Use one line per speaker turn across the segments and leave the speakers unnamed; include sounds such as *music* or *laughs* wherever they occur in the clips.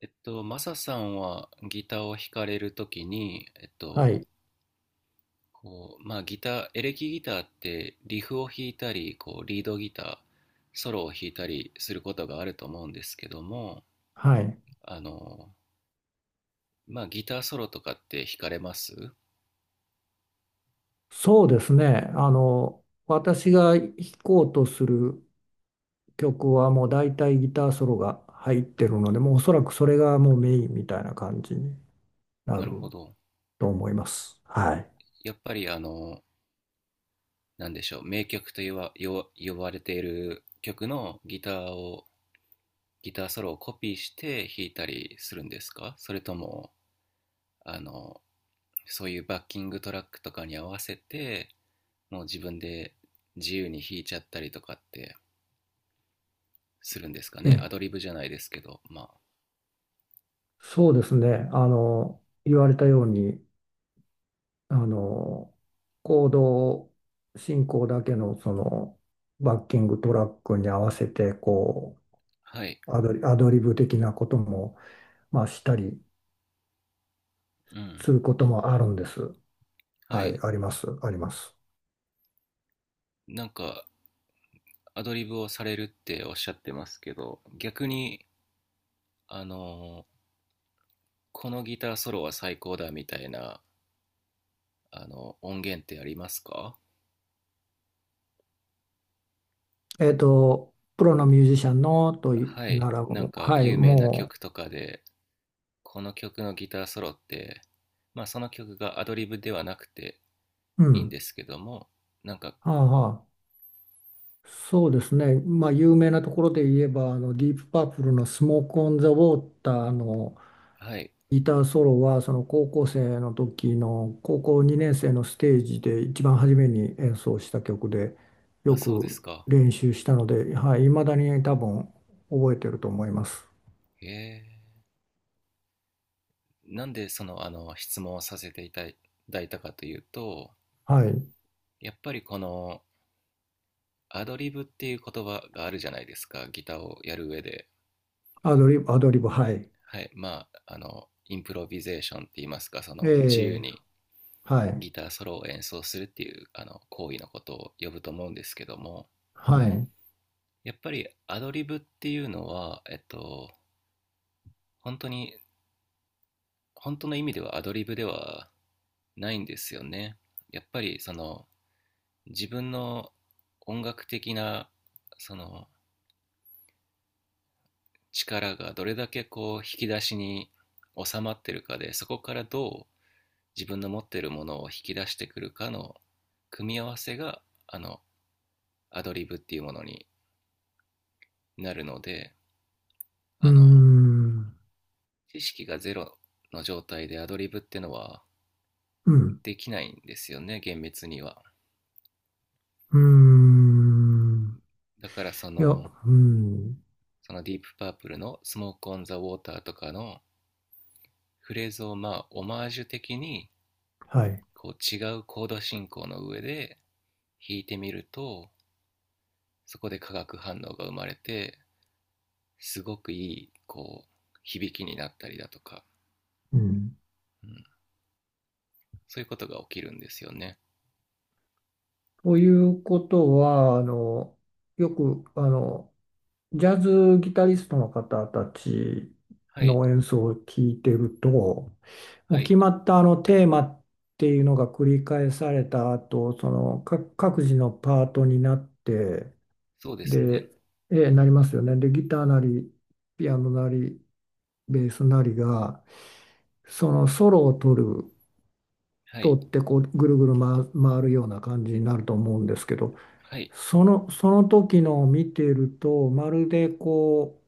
マサさんはギターを弾かれるときに、
はい、
こう、まあギター、エレキギターってリフを弾いたり、こう、リードギター、ソロを弾いたりすることがあると思うんですけども、
はい。
あの、まあギターソロとかって弾かれます？
そうですね。私が弾こうとする曲はもう大体ギターソロが入ってるので、もうおそらくそれがもうメインみたいな感じにな
な
る
るほど。
と思います。はい。
やっぱりあの、なんでしょう、名曲と言わ、よ呼ばれている曲のギターを、ギターソロをコピーして弾いたりするんですか？それとも、あの、そういうバッキングトラックとかに合わせて、もう自分で自由に弾いちゃったりとかってするんですか
え
ね？ア
え、
ドリブじゃないですけどま
そうですね。言われたように、あの、コード進行だけのそのバッキングトラックに合わせて、こ
あ。はい。
う、アドリブ的なことも、まあ、したり
うん。
することもあるんです。
は
はい、
い。
あります、あります。
なんかアドリブをされるっておっしゃってますけど、逆に、あの、このギターソロは最高だみたいな、あの、音源ってありますか？
プロのミュージシャンのという
はい、
なら
なん
もう、
か
はい、
有名な
も
曲とかで、この曲のギターソロって、まあその曲がアドリブではなくて
う、う
いいん
ん、
ですけども、なんか、
はあはあ、そうですね、まあ、有名なところで言えば、あのディープパープルのスモーク・オン・ザ・ウォーターの
はい、
ギターソロは、その高校生の時の高校2年生のステージで一番初めに演奏した曲で、
あ、
よ
そうで
く
すか。
練習したので、はい、未だに多分覚えてると思います。
へえ。なんでその、あの、質問をさせていただいたかというと、
はい、
やっぱりこの、アドリブっていう言葉があるじゃないですか、ギターをやる上で。
アドリブ、アドリブ、はい。
はい、まあ、あの、インプロビゼーションって言いますか、そ
え
の、自由
え、
に
はい。
ギターソロを演奏するっていう、あの、行為のことを呼ぶと思うんですけども、
はい。う
やっぱりアドリブっていうのは、本当に、本当の意味ではアドリブではないんですよね。やっぱりその、自分の音楽的な、その力がどれだけこう引き出しに収まってるかで、そこからどう自分の持ってるものを引き出してくるかの組み合わせが、あのアドリブっていうものになるので、
ー
あの、
ん。
知識がゼロの状態でアドリブってのは
うん。
できないんですよね、厳密には。
うーん。
だからそ
いや、
の
うん。
そのディープパープルの「スモーク・オン・ザ・ウォーター」とかのフレーズを、まあオマージュ的に、
はい。
こう違うコード進行の上で弾いてみると、そこで化学反応が生まれて、すごくいい、こう響きになったりだとか、
うん。
うん、そういうことが起きるんですよね。
ということは、よく、ジャズギタリストの方たち
はい、
の演奏を聞いてると、も
は
う
い、
決まったあのテーマっていうのが繰り返された後、その各自のパートになって、
そうですね。
で、
う
なり
ん、
ますよね。で、ギターなり、ピアノなり、ベースなりが、そのソロを取る、
はい、
取ってこうぐるぐる回るような感じになると思うんですけど、
はい、
その時のを見ていると、まるでこ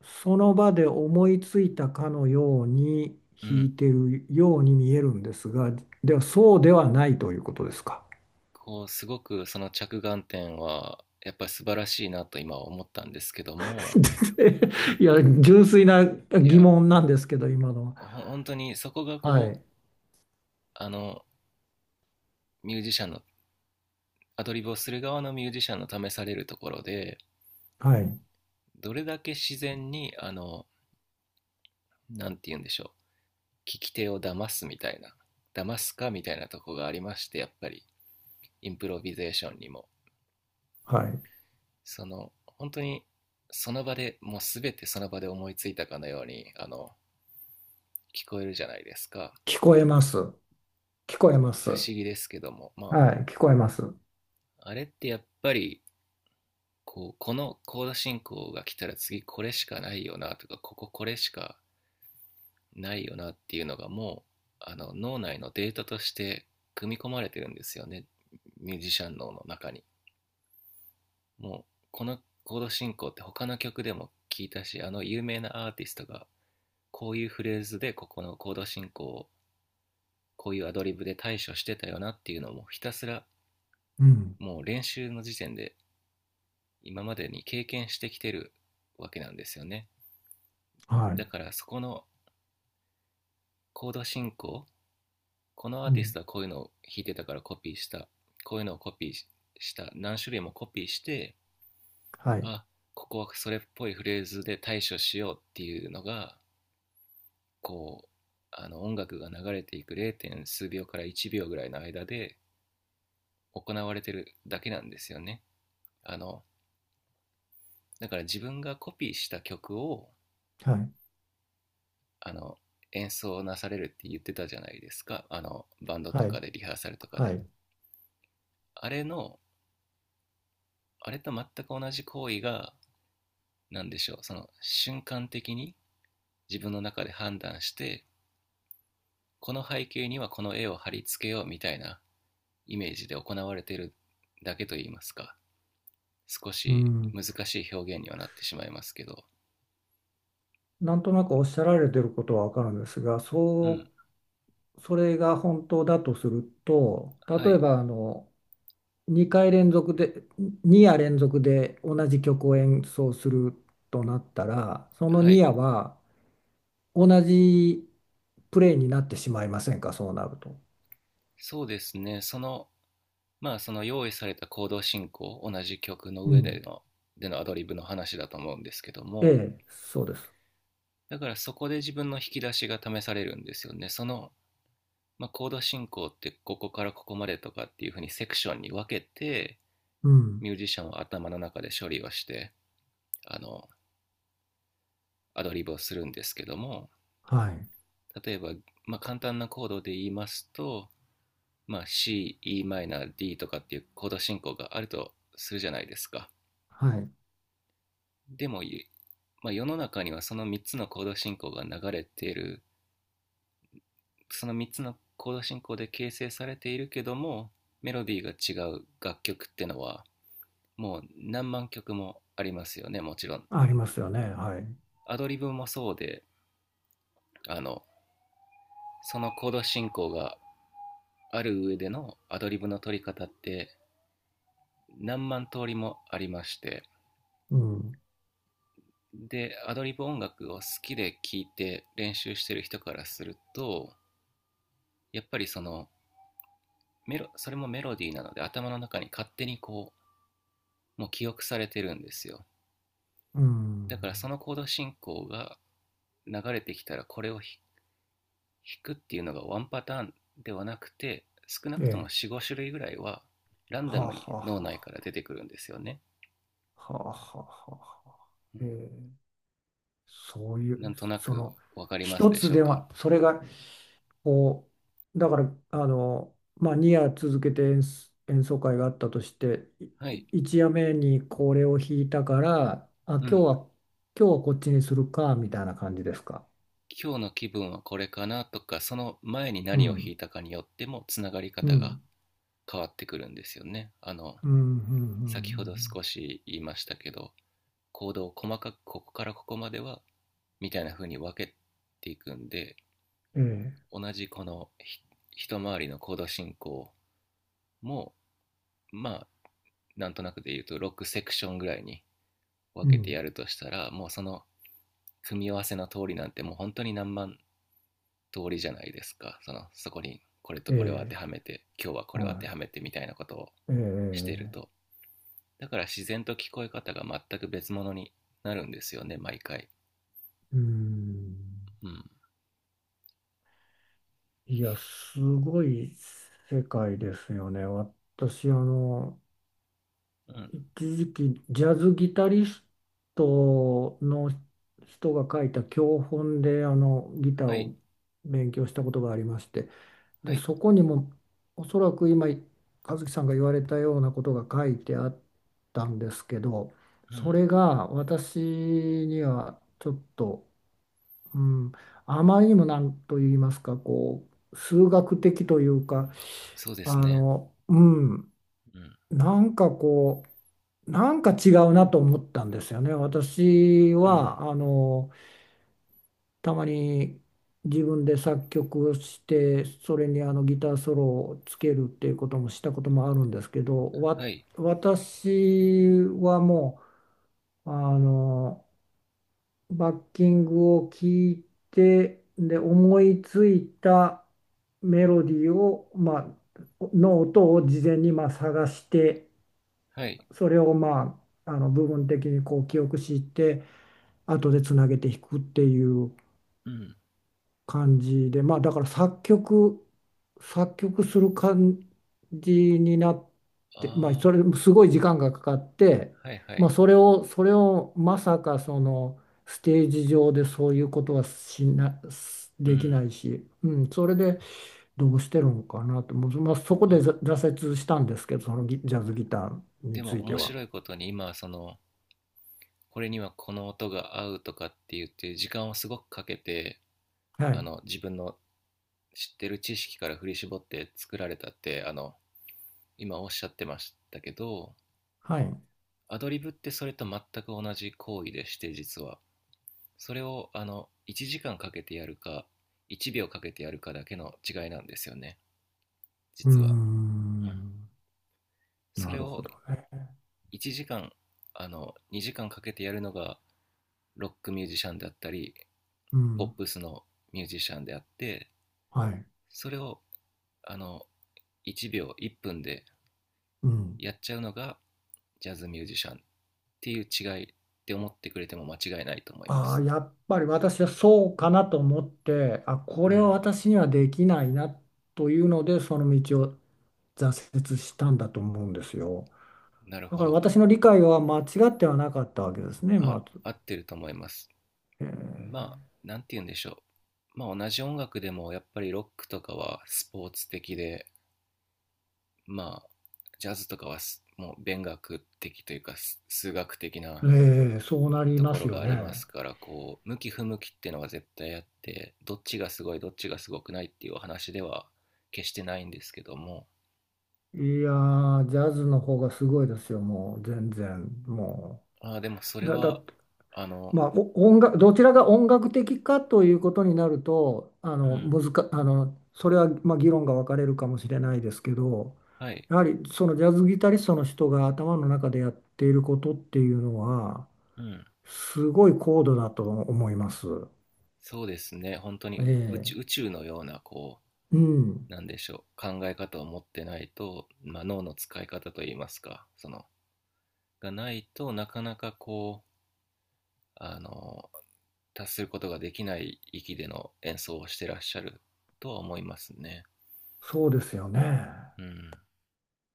う、その場で思いついたかのように
う
弾
ん。
いてるように見えるんですが、ではそうではないということですか。
こうすごくその着眼点はやっぱり素晴らしいなと今は思ったんですけども、
*laughs* いや、純粋な
い
疑
や、
問なんですけど、今のは。
本当にそこが
は
こう、
い、
あのミュージシャンの、アドリブをする側のミュージシャンの試されるところで、
はい、
どれだけ自然に、あの、なんて言うんでしょう、聞き手を騙すかみたいなとこがありまして、やっぱりインプロビゼーションにも、
はい。
その、本当にその場でもう全て、その場で思いついたかのように、あの聞こえるじゃないですか。
聞こえます。聞こえます。
不思議ですけどもま
はい、聞こえます。
ああれってやっぱりこう、このコード進行が来たら次これしかないよなとか、こここれしかないよなっていうのがもう、あの脳内のデータとして組み込まれてるんですよね、ミュージシャン脳の中に、もう、このコード進行って他の曲でも聞いたし、あの有名なアーティストがこういうフレーズでここのコード進行をこういうアドリブで対処してたよなっていうのもひたすら、
うん、
もう練習の時点で今までに経験してきてるわけなんですよね。
は
だ
い。
からそこのコード進行、このア
う
ーティス
ん、
トはこういうのを弾いてたからコピーした。こういうのをコピーした。何種類もコピーして、
はい、
あ、ここはそれっぽいフレーズで対処しようっていうのが、こう、あの音楽が流れていく 0. 数秒から1秒ぐらいの間で行われてるだけなんですよね。あの、だから自分がコピーした曲を、
はい、
あの、演奏なされるって言ってたじゃないですか。あの、バンドと
はい、
かでリハーサルとか
は
で。
い。
あれの、あれと全く同じ行為が、なんでしょう、その瞬間的に自分の中で判断して、この背景にはこの絵を貼り付けようみたいなイメージで行われているだけといいますか、少
う
し
ん。
難しい表現にはなってしまいますけど、
なんとなくおっしゃられてることはわかるんですが、
うん、
そう、それが本当だとすると、
は
例え
い、
ば2回連続で、2夜連続で同じ曲を演奏するとなったら、その
は
2
い、
夜は同じプレイになってしまいませんか、そうなると。
そうですね、その、まあその用意された行動進行、同じ曲の
う
上で
ん。
の、でのアドリブの話だと思うんですけど
え
も、
え、そうです。
だからそこで自分の引き出しが試されるんですよね。その、まあ、コード進行ってここからここまでとかっていう風にセクションに分けて、
うん。
ミュージシャンは頭の中で処理をして、あの、アドリブをするんですけども、
はい。
例えば、まあ、簡単なコードで言いますと、まあ、C、Em、D とかっていうコード進行があるとするじゃないですか。
はい。
でも、まあ、世の中にはその3つのコード進行が流れている、その3つのコード進行で形成されているけども、メロディーが違う楽曲ってのはもう何万曲もありますよね、もちろん。
ありますよね。はい。
アドリブもそうで、あの、そのコード進行がある上でのアドリブの取り方って、何万通りもありまして、
うん。
でアドリブ音楽を好きで聴いて練習してる人からすると、やっぱりそのメロそれもメロディーなので、頭の中に勝手にこうもう記憶されてるんですよ。
うん。
だからそのコード進行が流れてきたら、これを弾くっていうのがワンパターンではなくて、少な
え
くとも
え。
45種類ぐらいはランダ
はあ、
ムに
は
脳
あ、
内
は
から出てくるんですよね、
あ、はあ、はあ、はあ、はあ。
う
え
ん、
ーそうい
な
う、
んとな
そ
く
の、
わかります
一
で
つ
しょう
で
か？
は、それが、こう、だから、あの、まあ、2夜続けて演奏会があったとして、
はい。
1夜目にこれを弾いたから、あ、今
う
日
ん。
は、今日はこっちにするか、みたいな感じですか。
今日の気分はこれかなとか、その前に
う
何を弾
ん、
いたかによってもつながり
う
方が
ん、
変わってくるんですよね、あの、
うん、うん、う
先ほど
ん、
少し言いましたけど、行動を細かくここからここまではみたいな風に分けていくんで、
うん、うん、ええ、
同じこの一回りの行動進行も、まあ、なんとなくで言うと6セクションぐらいに分
う
けて
ん、
やるとしたら、もうその組み合わせの通りなんてもう本当に何万通りじゃないですか、そのそこにこれと
え
これを当て
え、
はめて、今日はこれを当て
は
はめて、みたいなことを
い、え
してると。
え、
だから自然と聞こえ方が全く別物になるんですよね、毎回。
うん。
うん、
いや、すごい世界ですよね。私、
うん、
一時期、ジャズギタリストの人が書いた教本で、ギター
はい、
を勉強したことがありまして、
は
で、
い、
そこにも、おそらく今、和樹さんが言われたようなことが書いてあったんですけど、
う
そ
ん、
れが私にはちょっと、うん、あまりにもなんと言いますか、こう、数学的というか、
そうですね、
うん、
うん、
なんかこう、なんか違うなと思ったんですよね。私
うん、
は、たまに自分で作曲をして、それにあのギターソロをつけるっていうこともしたこともあるんですけど、
はい、
私はもう、バッキングを聞いて、で、思いついたメロディーを、まあ、の音を事前にまあ探して、
はい、
それをまあ、あの部分的にこう記憶して、後でつなげて弾くっていう
うん、
感じで、まあだから作曲する感じになって、まあ
あ
それすごい時間がかかって、
あ、はい、は
まあ
い、
それをまさかそのステージ上でそういうことは
う
でき
ん。
ないし、うん、それでどうしてるのかなと、もうまあ、そこで
あ、
挫折したんですけど、そのギジャズギターに
でも
ついて
面
は。
白いことに今はその、これにはこの音が合うとかって言って時間をすごくかけて、
は
あ
い。
の自分の知ってる知識から振り絞って作られたって、あの、今おっしゃってましたけど、
はい。
アドリブってそれと全く同じ行為でして、実はそれをあの1時間かけてやるか1秒かけてやるかだけの違いなんですよね、
うー
実は。うん、
ん。
そ
な
れ
るほ
を
どね。
1時間、あの2時間かけてやるのがロックミュージシャンであったり、
う
ポッ
ん。
プスのミュージシャンであって、
はい。
それをあの1秒1分で
うん。
やっちゃうのがジャズミュージシャンっていう違いって思ってくれても間違いないと思いま
ああ、
す。
やっぱり私はそうかなと思って、あ、こ
う
れは
ん、
私にはできないなというので、その道を挫折したんだと思うんですよ。
なる
だ
ほ
から
ど。
私の理解は間違ってはなかったわけですね、
あ、
まず。
合ってると思います。
え
ま
ー
あなんて言うんでしょう。まあ同じ音楽でもやっぱりロックとかはスポーツ的で、まあジャズとかはもう勉学的というか、数学的な
そうなり
と
ま
こ
す
ろ
よ
があります
ね。
から、こう向き不向きっていうのが絶対あって、どっちがすごいどっちがすごくないっていう話では決してないんですけども、
いやー、ジャズの方がすごいですよ、もう全然。も
ああ、でもそ
う。
れはあの、
まあ、お音楽、どちらが音楽的かということになると、
うん。
それは、まあ、議論が分かれるかもしれないですけど、
はい、
やはりそのジャズギタリストの人が頭の中でやっていることっていうのは、
うん。
すごい高度だと思います。
そうですね、本当
え
に宇宙、宇
え。
宙のような、こ
うん。
う、なんでしょう、考え方を持ってないと、まあ、脳の使い方といいますか、そのがないと、なかなかこう、あの、達することができない域での演奏をしてらっしゃるとは思いますね。
そうですよね。
うん、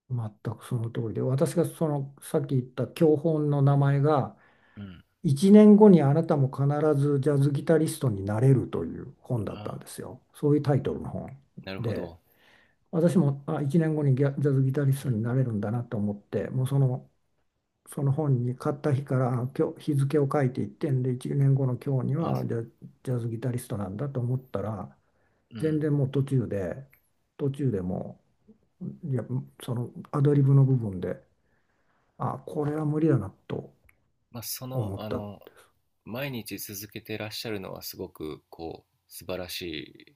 全くその通りで、私がその、さっき言った教本の名前が、
うん。
1年後にあなたも必ずジャズギタリストになれるという本だったん
ああ、
ですよ。そういうタイトルの本
なるほ
で、
ど。
私もあ1年後にギャジャズギタリ
う
スト
ん。
になれるんだなと思って、もうその、その本に買った日からあ今日日付を書いていってんで、1年後の今日に
まあ、
はジャズギタリストなんだと思ったら、
う
全
ん。
然もう途中でもう、いや、そのアドリブの部分で、あ、これは無理だなと
まあ、その、
思っ
あ
た。は
の、毎日続けてらっしゃるのはすごく、こう、素晴らし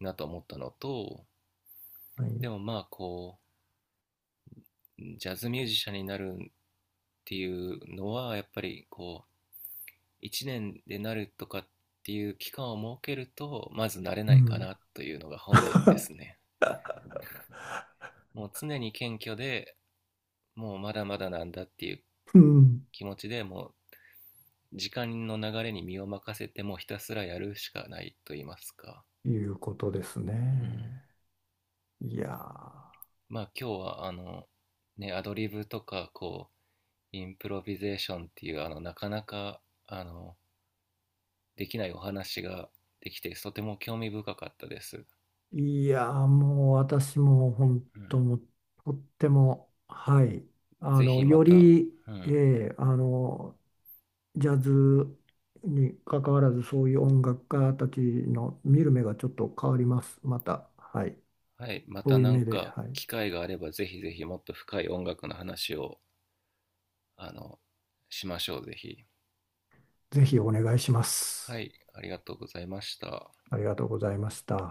いなと思ったのと、でも
い。
まあ、こう、ジャズミュージシャンになるっていうのは、やっぱり、こう、1年でなるとかっていう期間を設けると、まずなれ
う
ないか
ん。
なというのが本音ですね。もう常に謙虚で、もうまだまだなんだっていう
うん、
気持ちで、もう時間の流れに身を任せてもひたすらやるしかないと言いますか。
いうことです
うん、
ね。いや
まあ今日はあのね、アドリブとかこうインプロビゼーションっていう、あの、なかなかあのできないお話ができてとても興味深かったです。
ー、いやー、もう私も本当
う
もうとっても、はい、
ん、ぜひま
よ
た、
り、
う
え
ん、
ーあの、ジャズに関わらず、そういう音楽家たちの見る目がちょっと変わります。また、はい、
はい、ま
そ
た
ういう
なん
目で、
か
はい、
機会があればぜひぜひもっと深い音楽の話を、あの、しましょう、ぜひ。
ぜひお願いしま
は
す。
い、ありがとうございました。
ありがとうございました。